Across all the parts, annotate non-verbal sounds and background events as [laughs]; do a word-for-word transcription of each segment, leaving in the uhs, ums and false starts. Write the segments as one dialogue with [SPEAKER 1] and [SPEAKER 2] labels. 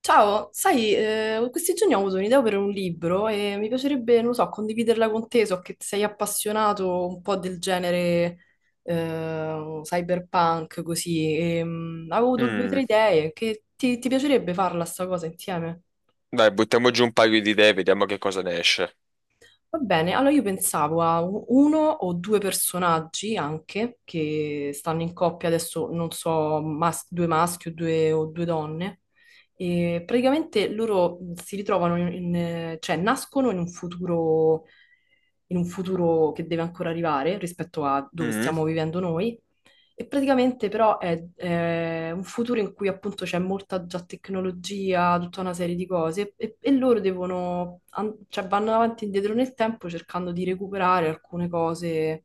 [SPEAKER 1] Ciao, sai, eh, questi giorni ho avuto un'idea per un libro e mi piacerebbe, non lo so, condividerla con te, so che sei appassionato un po' del genere eh, cyberpunk, così. E, mm, avevo avuto due o tre
[SPEAKER 2] Mm.
[SPEAKER 1] idee, che ti, ti piacerebbe farla sta cosa insieme?
[SPEAKER 2] Dai, buttiamo giù un paio di idee, vediamo che cosa ne esce.
[SPEAKER 1] Va bene, allora io pensavo a u- uno o due personaggi anche che stanno in coppia, adesso non so, mas- due maschi o due, o due donne, e praticamente loro mm, si ritrovano, in, in- cioè nascono in un futuro, in un futuro che deve ancora arrivare rispetto a dove
[SPEAKER 2] Mm.
[SPEAKER 1] stiamo vivendo noi e praticamente però è, è un futuro in cui appunto c'è molta già tecnologia, tutta una serie di cose e, e loro devono, an- cioè vanno avanti e indietro nel tempo cercando di recuperare alcune cose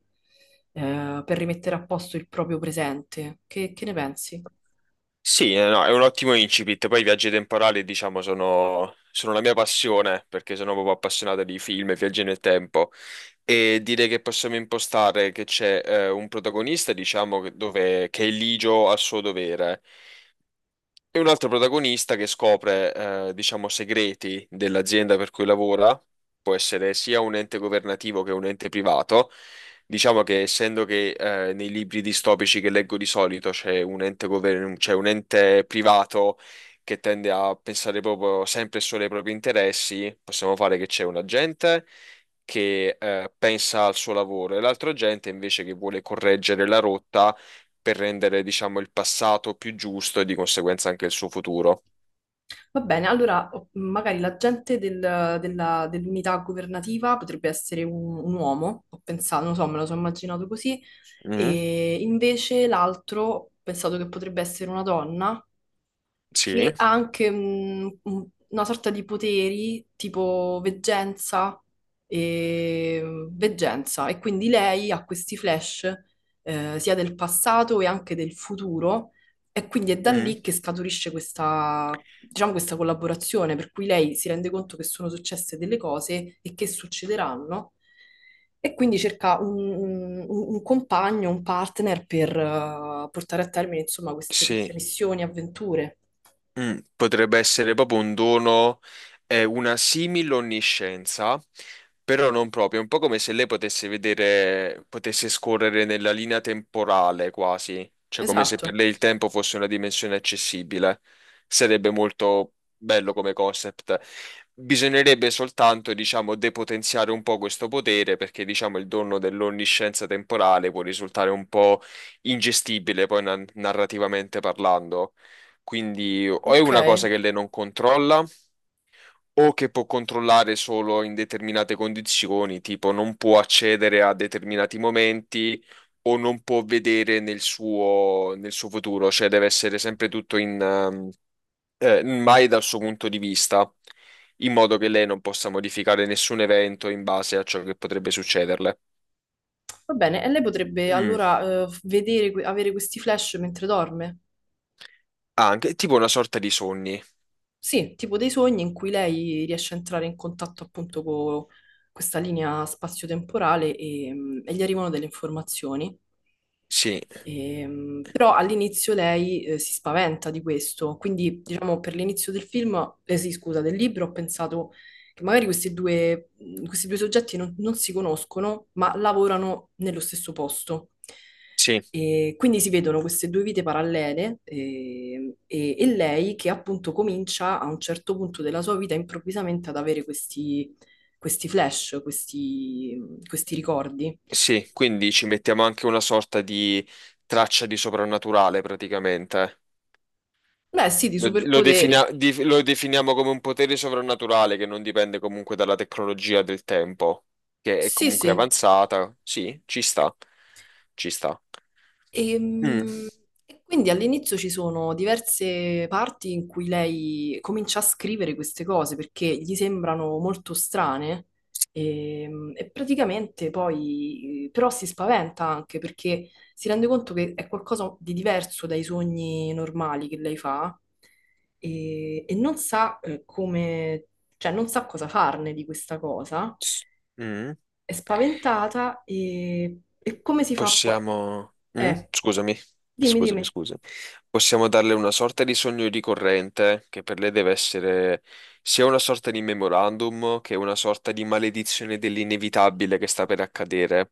[SPEAKER 1] eh, per rimettere a posto il proprio presente. Che, che ne pensi?
[SPEAKER 2] Sì, eh, no, è un ottimo incipit. Poi i viaggi temporali, diciamo, sono, sono la mia passione, perché sono proprio appassionato di film e viaggi nel tempo. E direi che possiamo impostare che c'è eh, un protagonista, diciamo, che- dove, che è ligio al suo dovere. E un altro protagonista che scopre, eh, diciamo, segreti dell'azienda per cui lavora, può essere sia un ente governativo che un ente privato. Diciamo che essendo che eh, nei libri distopici che leggo di solito c'è un ente gover- c'è un ente privato che tende a pensare proprio sempre e solo ai propri interessi, possiamo fare che c'è un agente che eh, pensa al suo lavoro e l'altro agente invece che vuole correggere la rotta per rendere, diciamo, il passato più giusto e di conseguenza anche il suo futuro.
[SPEAKER 1] Va bene, allora o- magari l'agente del- della- dell'unità governativa potrebbe essere un, un uomo, ho pensato, non so, me lo sono immaginato così,
[SPEAKER 2] Mm,
[SPEAKER 1] e invece l'altro ho pensato che potrebbe essere una donna
[SPEAKER 2] sì.
[SPEAKER 1] che ha anche mm, un- una sorta di poteri tipo veggenza e veggenza e quindi lei ha questi flash eh, sia del passato e anche del futuro e quindi è da
[SPEAKER 2] Mm,
[SPEAKER 1] lì che scaturisce questa, diciamo, questa collaborazione per cui lei si rende conto che sono successe delle cose e che succederanno. E quindi cerca un, un- un compagno, un partner per eh, portare a termine, insomma, queste, queste
[SPEAKER 2] sì.
[SPEAKER 1] missioni, avventure.
[SPEAKER 2] Mm, potrebbe essere proprio un dono, eh, una simile onniscienza, però non proprio, è un po' come se lei potesse vedere, potesse scorrere nella linea temporale quasi, cioè come se per
[SPEAKER 1] Esatto,
[SPEAKER 2] lei il tempo fosse una dimensione accessibile. Sarebbe molto bello come concept. Bisognerebbe soltanto, diciamo, depotenziare un po' questo potere perché, diciamo, il dono dell'onniscienza temporale può risultare un po' ingestibile poi na- narrativamente parlando. Quindi o è
[SPEAKER 1] ok,
[SPEAKER 2] una cosa che lei non controlla o che può controllare solo in determinate condizioni, tipo non può accedere a determinati momenti o non può vedere nel suo, nel suo futuro, cioè deve essere sempre tutto in, ehm, eh, mai dal suo punto di vista, in modo che lei non possa modificare nessun evento in base a ciò che potrebbe succederle.
[SPEAKER 1] va bene. E lei potrebbe
[SPEAKER 2] Mm.
[SPEAKER 1] allora eh, vedere, que- avere questi flash mentre dorme?
[SPEAKER 2] Ah, anche tipo una sorta di sogni.
[SPEAKER 1] Sì, tipo dei sogni in cui lei riesce a entrare in contatto appunto con questa linea spazio-temporale e, mm, e gli arrivano delle informazioni.
[SPEAKER 2] Sì,
[SPEAKER 1] Ehm, però all'inizio lei eh, si spaventa di questo, quindi diciamo per l'inizio del film, eh, sì, scusa, del libro ho pensato che magari questi due, mm, questi due soggetti non, non si conoscono, ma lavorano nello stesso posto.
[SPEAKER 2] sì.
[SPEAKER 1] E quindi si vedono queste due vite parallele eh, e, e lei che appunto comincia a un certo punto della sua vita improvvisamente ad avere questi, questi flash, questi, questi ricordi.
[SPEAKER 2] Sì, quindi ci mettiamo anche una sorta di traccia di soprannaturale praticamente.
[SPEAKER 1] Beh, sì, di
[SPEAKER 2] Lo, lo
[SPEAKER 1] superpoteri.
[SPEAKER 2] definia- di- lo definiamo come un potere soprannaturale che non dipende comunque dalla tecnologia del tempo, che è
[SPEAKER 1] Sì,
[SPEAKER 2] comunque
[SPEAKER 1] sì.
[SPEAKER 2] avanzata. Sì, ci sta, ci sta. Mm.
[SPEAKER 1] Ehm, E quindi all'inizio ci sono diverse parti in cui lei comincia a scrivere queste cose perché gli sembrano molto strane ehm, e, praticamente poi però si spaventa anche perché si rende conto che è qualcosa di diverso dai sogni normali che lei fa e, e non sa eh, come, cioè non sa cosa farne di questa cosa,
[SPEAKER 2] S- mm.
[SPEAKER 1] è spaventata e, e come si fa poi?
[SPEAKER 2] Possiamo. Mm?
[SPEAKER 1] Eh,
[SPEAKER 2] Scusami, [laughs]
[SPEAKER 1] Dimmi,
[SPEAKER 2] scusami,
[SPEAKER 1] dimmi.
[SPEAKER 2] scusami. Possiamo darle una sorta di sogno ricorrente che per lei deve essere sia una sorta di memorandum che una sorta di maledizione dell'inevitabile che sta per accadere,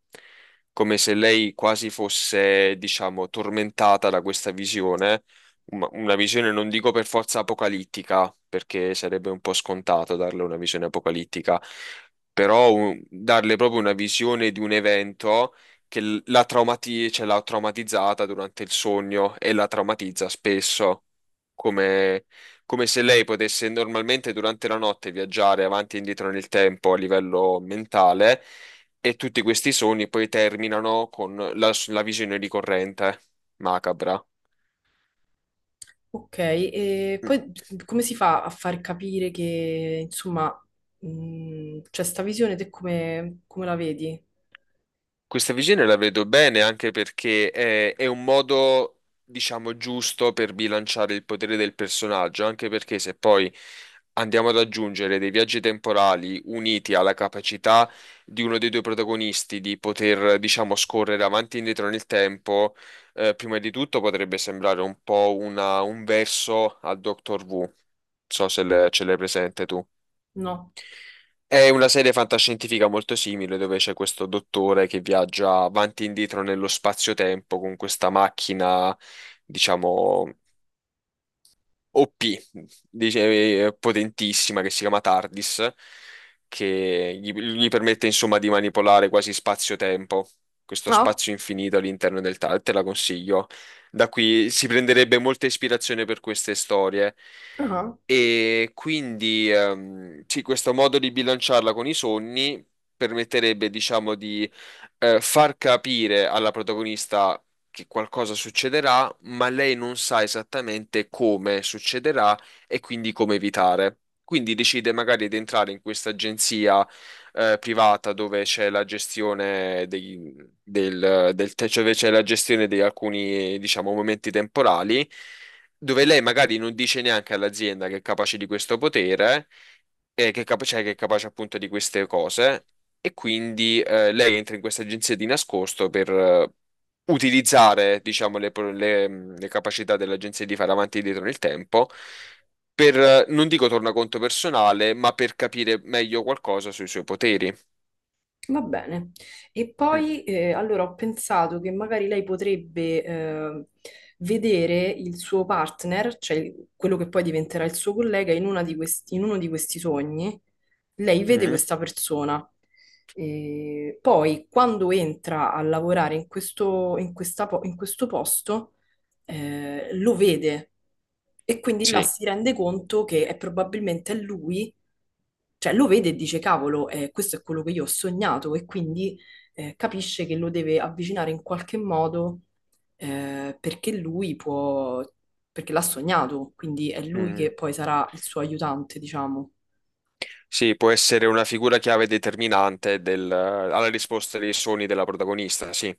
[SPEAKER 2] come se lei quasi fosse, diciamo, tormentata da questa visione, una una visione non dico per forza apocalittica, perché sarebbe un po' scontato darle una visione apocalittica però un- darle proprio una visione di un evento che l- la traumati- cioè, l'ha traumatizzata durante il sogno e la traumatizza spesso, come, come se lei potesse normalmente durante la notte viaggiare avanti e indietro nel tempo a livello mentale e tutti questi sogni poi terminano con la, la visione ricorrente macabra.
[SPEAKER 1] Ok, e
[SPEAKER 2] Mm.
[SPEAKER 1] poi come si fa a far capire che, insomma, mh, c'è sta visione, te come, come la vedi?
[SPEAKER 2] Questa visione la vedo bene anche perché è, è un modo, diciamo, giusto per bilanciare il potere del personaggio, anche perché se poi andiamo ad aggiungere dei viaggi temporali uniti alla capacità di uno dei due protagonisti di poter, diciamo, scorrere avanti e indietro nel tempo, eh, prima di tutto potrebbe sembrare un po' una- un verso al Doctor Who. Non so se le- ce l'hai presente tu.
[SPEAKER 1] No.
[SPEAKER 2] È una serie fantascientifica molto simile dove c'è questo dottore che viaggia avanti e indietro nello spazio-tempo con questa macchina, diciamo. O P, dice- eh, potentissima, che si chiama TARDIS, che gli, gli permette insomma di manipolare quasi spazio-tempo, questo
[SPEAKER 1] No?
[SPEAKER 2] spazio infinito all'interno del TARDIS, te la consiglio. Da qui si prenderebbe molta ispirazione per queste storie.
[SPEAKER 1] Ah.
[SPEAKER 2] E quindi ehm, sì, questo modo di bilanciarla con i sogni permetterebbe, diciamo, di eh, far capire alla protagonista che qualcosa succederà, ma lei non sa esattamente come succederà e quindi come evitare. Quindi decide magari di entrare in questa agenzia eh, privata dove c'è la gestione dei, del, del, te- cioè dove c'è la gestione di alcuni, diciamo, momenti temporali, dove lei magari non dice neanche all'azienda che è capace di questo potere, eh, che è capa- cioè che è capace appunto di queste cose. E quindi eh, lei entra in questa agenzia di nascosto per utilizzare, diciamo, le, pro- le, mh, le capacità dell'agenzia di fare avanti e indietro nel tempo per eh, non dico tornaconto personale, ma per capire meglio qualcosa sui suoi poteri.
[SPEAKER 1] Va bene. E
[SPEAKER 2] Mm,
[SPEAKER 1] poi eh, allora ho pensato che magari lei potrebbe eh, vedere il suo partner, cioè il- quello che poi diventerà il suo collega, in una di questi- in uno di questi sogni. Lei vede
[SPEAKER 2] mm.
[SPEAKER 1] questa persona. E poi, quando entra a lavorare in questo, in questa po- in questo posto, eh, lo vede e quindi là
[SPEAKER 2] Sì.
[SPEAKER 1] si rende conto che è probabilmente lui, cioè lo vede e dice, cavolo, eh, questo è quello che io ho sognato e quindi eh, capisce che lo deve avvicinare in qualche modo, eh, perché lui può, perché l'ha sognato, quindi è lui
[SPEAKER 2] Mm.
[SPEAKER 1] che poi sarà il suo aiutante, diciamo.
[SPEAKER 2] Sì, può essere una figura chiave determinante del- alla risposta dei sogni della protagonista, sì.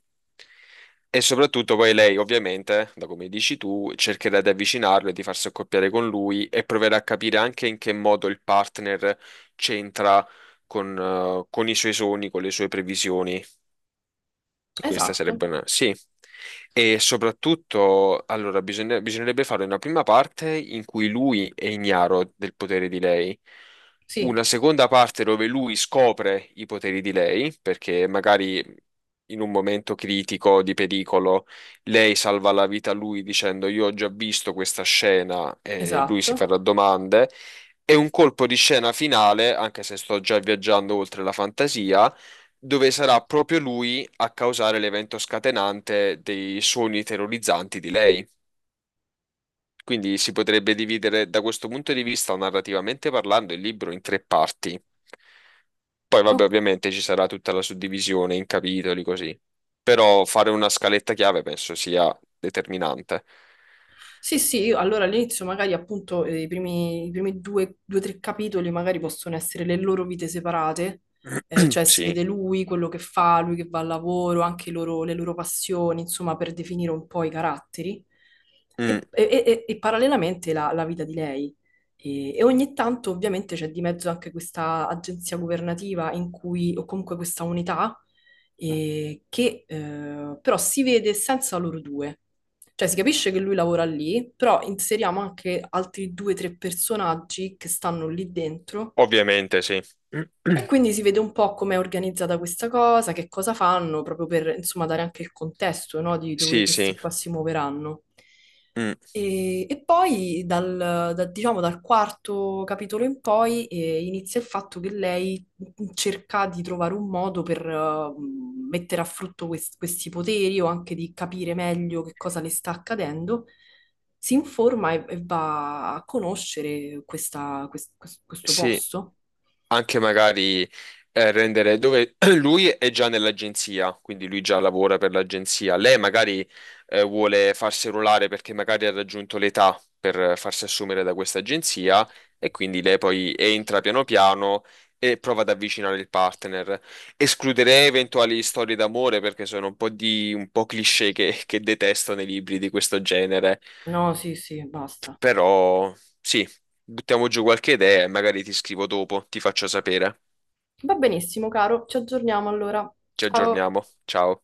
[SPEAKER 2] E soprattutto poi lei, ovviamente, da come dici tu, cercherà di avvicinarlo e di farsi accoppiare con lui e proverà a capire anche in che modo il partner c'entra con, eh, con i suoi sogni, con le sue previsioni. Questa
[SPEAKER 1] Esatto,
[SPEAKER 2] sarebbe una. Sì. E soprattutto, allora, bisogna- bisognerebbe fare una prima parte in cui lui è ignaro del potere di lei,
[SPEAKER 1] sì,
[SPEAKER 2] una seconda parte dove lui scopre i poteri di lei, perché magari in un momento critico di pericolo lei salva la vita a lui dicendo io ho già visto questa scena e lui si
[SPEAKER 1] esatto.
[SPEAKER 2] farà domande. E un colpo di scena finale, anche se sto già viaggiando oltre la fantasia, dove sarà proprio lui a causare l'evento scatenante dei sogni terrorizzanti di lei. Quindi si potrebbe dividere da questo punto di vista, narrativamente parlando, il libro in tre parti. Poi, vabbè, ovviamente ci sarà tutta la suddivisione in capitoli così. Però fare una scaletta chiave penso sia determinante.
[SPEAKER 1] Sì, sì, io allora all'inizio magari appunto eh, i primi, i primi due, due, tre capitoli magari possono essere le loro vite separate, eh, cioè
[SPEAKER 2] [clears throat]
[SPEAKER 1] si
[SPEAKER 2] Sì.
[SPEAKER 1] vede lui, quello che fa, lui che va al lavoro, anche i loro- le loro passioni, insomma, per definire un po' i caratteri.
[SPEAKER 2] Mm.
[SPEAKER 1] E, e- e- e parallelamente la, la vita di lei. E, e ogni tanto ovviamente c'è di mezzo anche questa agenzia governativa in cui, o comunque questa unità, eh, che eh, però si vede senza loro due. Cioè si capisce che lui lavora lì, però inseriamo anche altri due o tre personaggi che stanno lì dentro
[SPEAKER 2] Ovviamente sì.
[SPEAKER 1] e
[SPEAKER 2] [clears throat]
[SPEAKER 1] quindi si vede un po' come è organizzata questa cosa, che cosa fanno, proprio per insomma dare anche il contesto, no, di dove
[SPEAKER 2] Sì,
[SPEAKER 1] questi
[SPEAKER 2] sì.
[SPEAKER 1] qua si muoveranno.
[SPEAKER 2] Mm,
[SPEAKER 1] E, e poi dal, da- diciamo, dal quarto capitolo in poi eh, inizia il fatto che lei cerca di trovare un modo per eh, mettere a frutto quest- questi poteri o anche di capire meglio che cosa le sta accadendo. Si informa e, e va a conoscere questa- quest- quest- questo
[SPEAKER 2] sì.
[SPEAKER 1] posto.
[SPEAKER 2] Anche magari eh, rendere dove [clears throat] lui è già nell'agenzia, quindi lui già lavora per l'agenzia. Lei magari eh, vuole farsi ruolare perché magari ha raggiunto l'età per farsi assumere da questa agenzia e quindi lei poi entra piano piano e prova ad avvicinare il partner. Escluderei eventuali storie d'amore perché sono un po' di un po' cliché che, che detesto nei libri di questo genere.
[SPEAKER 1] No, sì, sì, basta.
[SPEAKER 2] Però sì, buttiamo giù qualche idea e magari ti scrivo dopo, ti faccio sapere.
[SPEAKER 1] Va benissimo, caro. Ci aggiorniamo allora.
[SPEAKER 2] Ci
[SPEAKER 1] Ciao.
[SPEAKER 2] aggiorniamo. Ciao.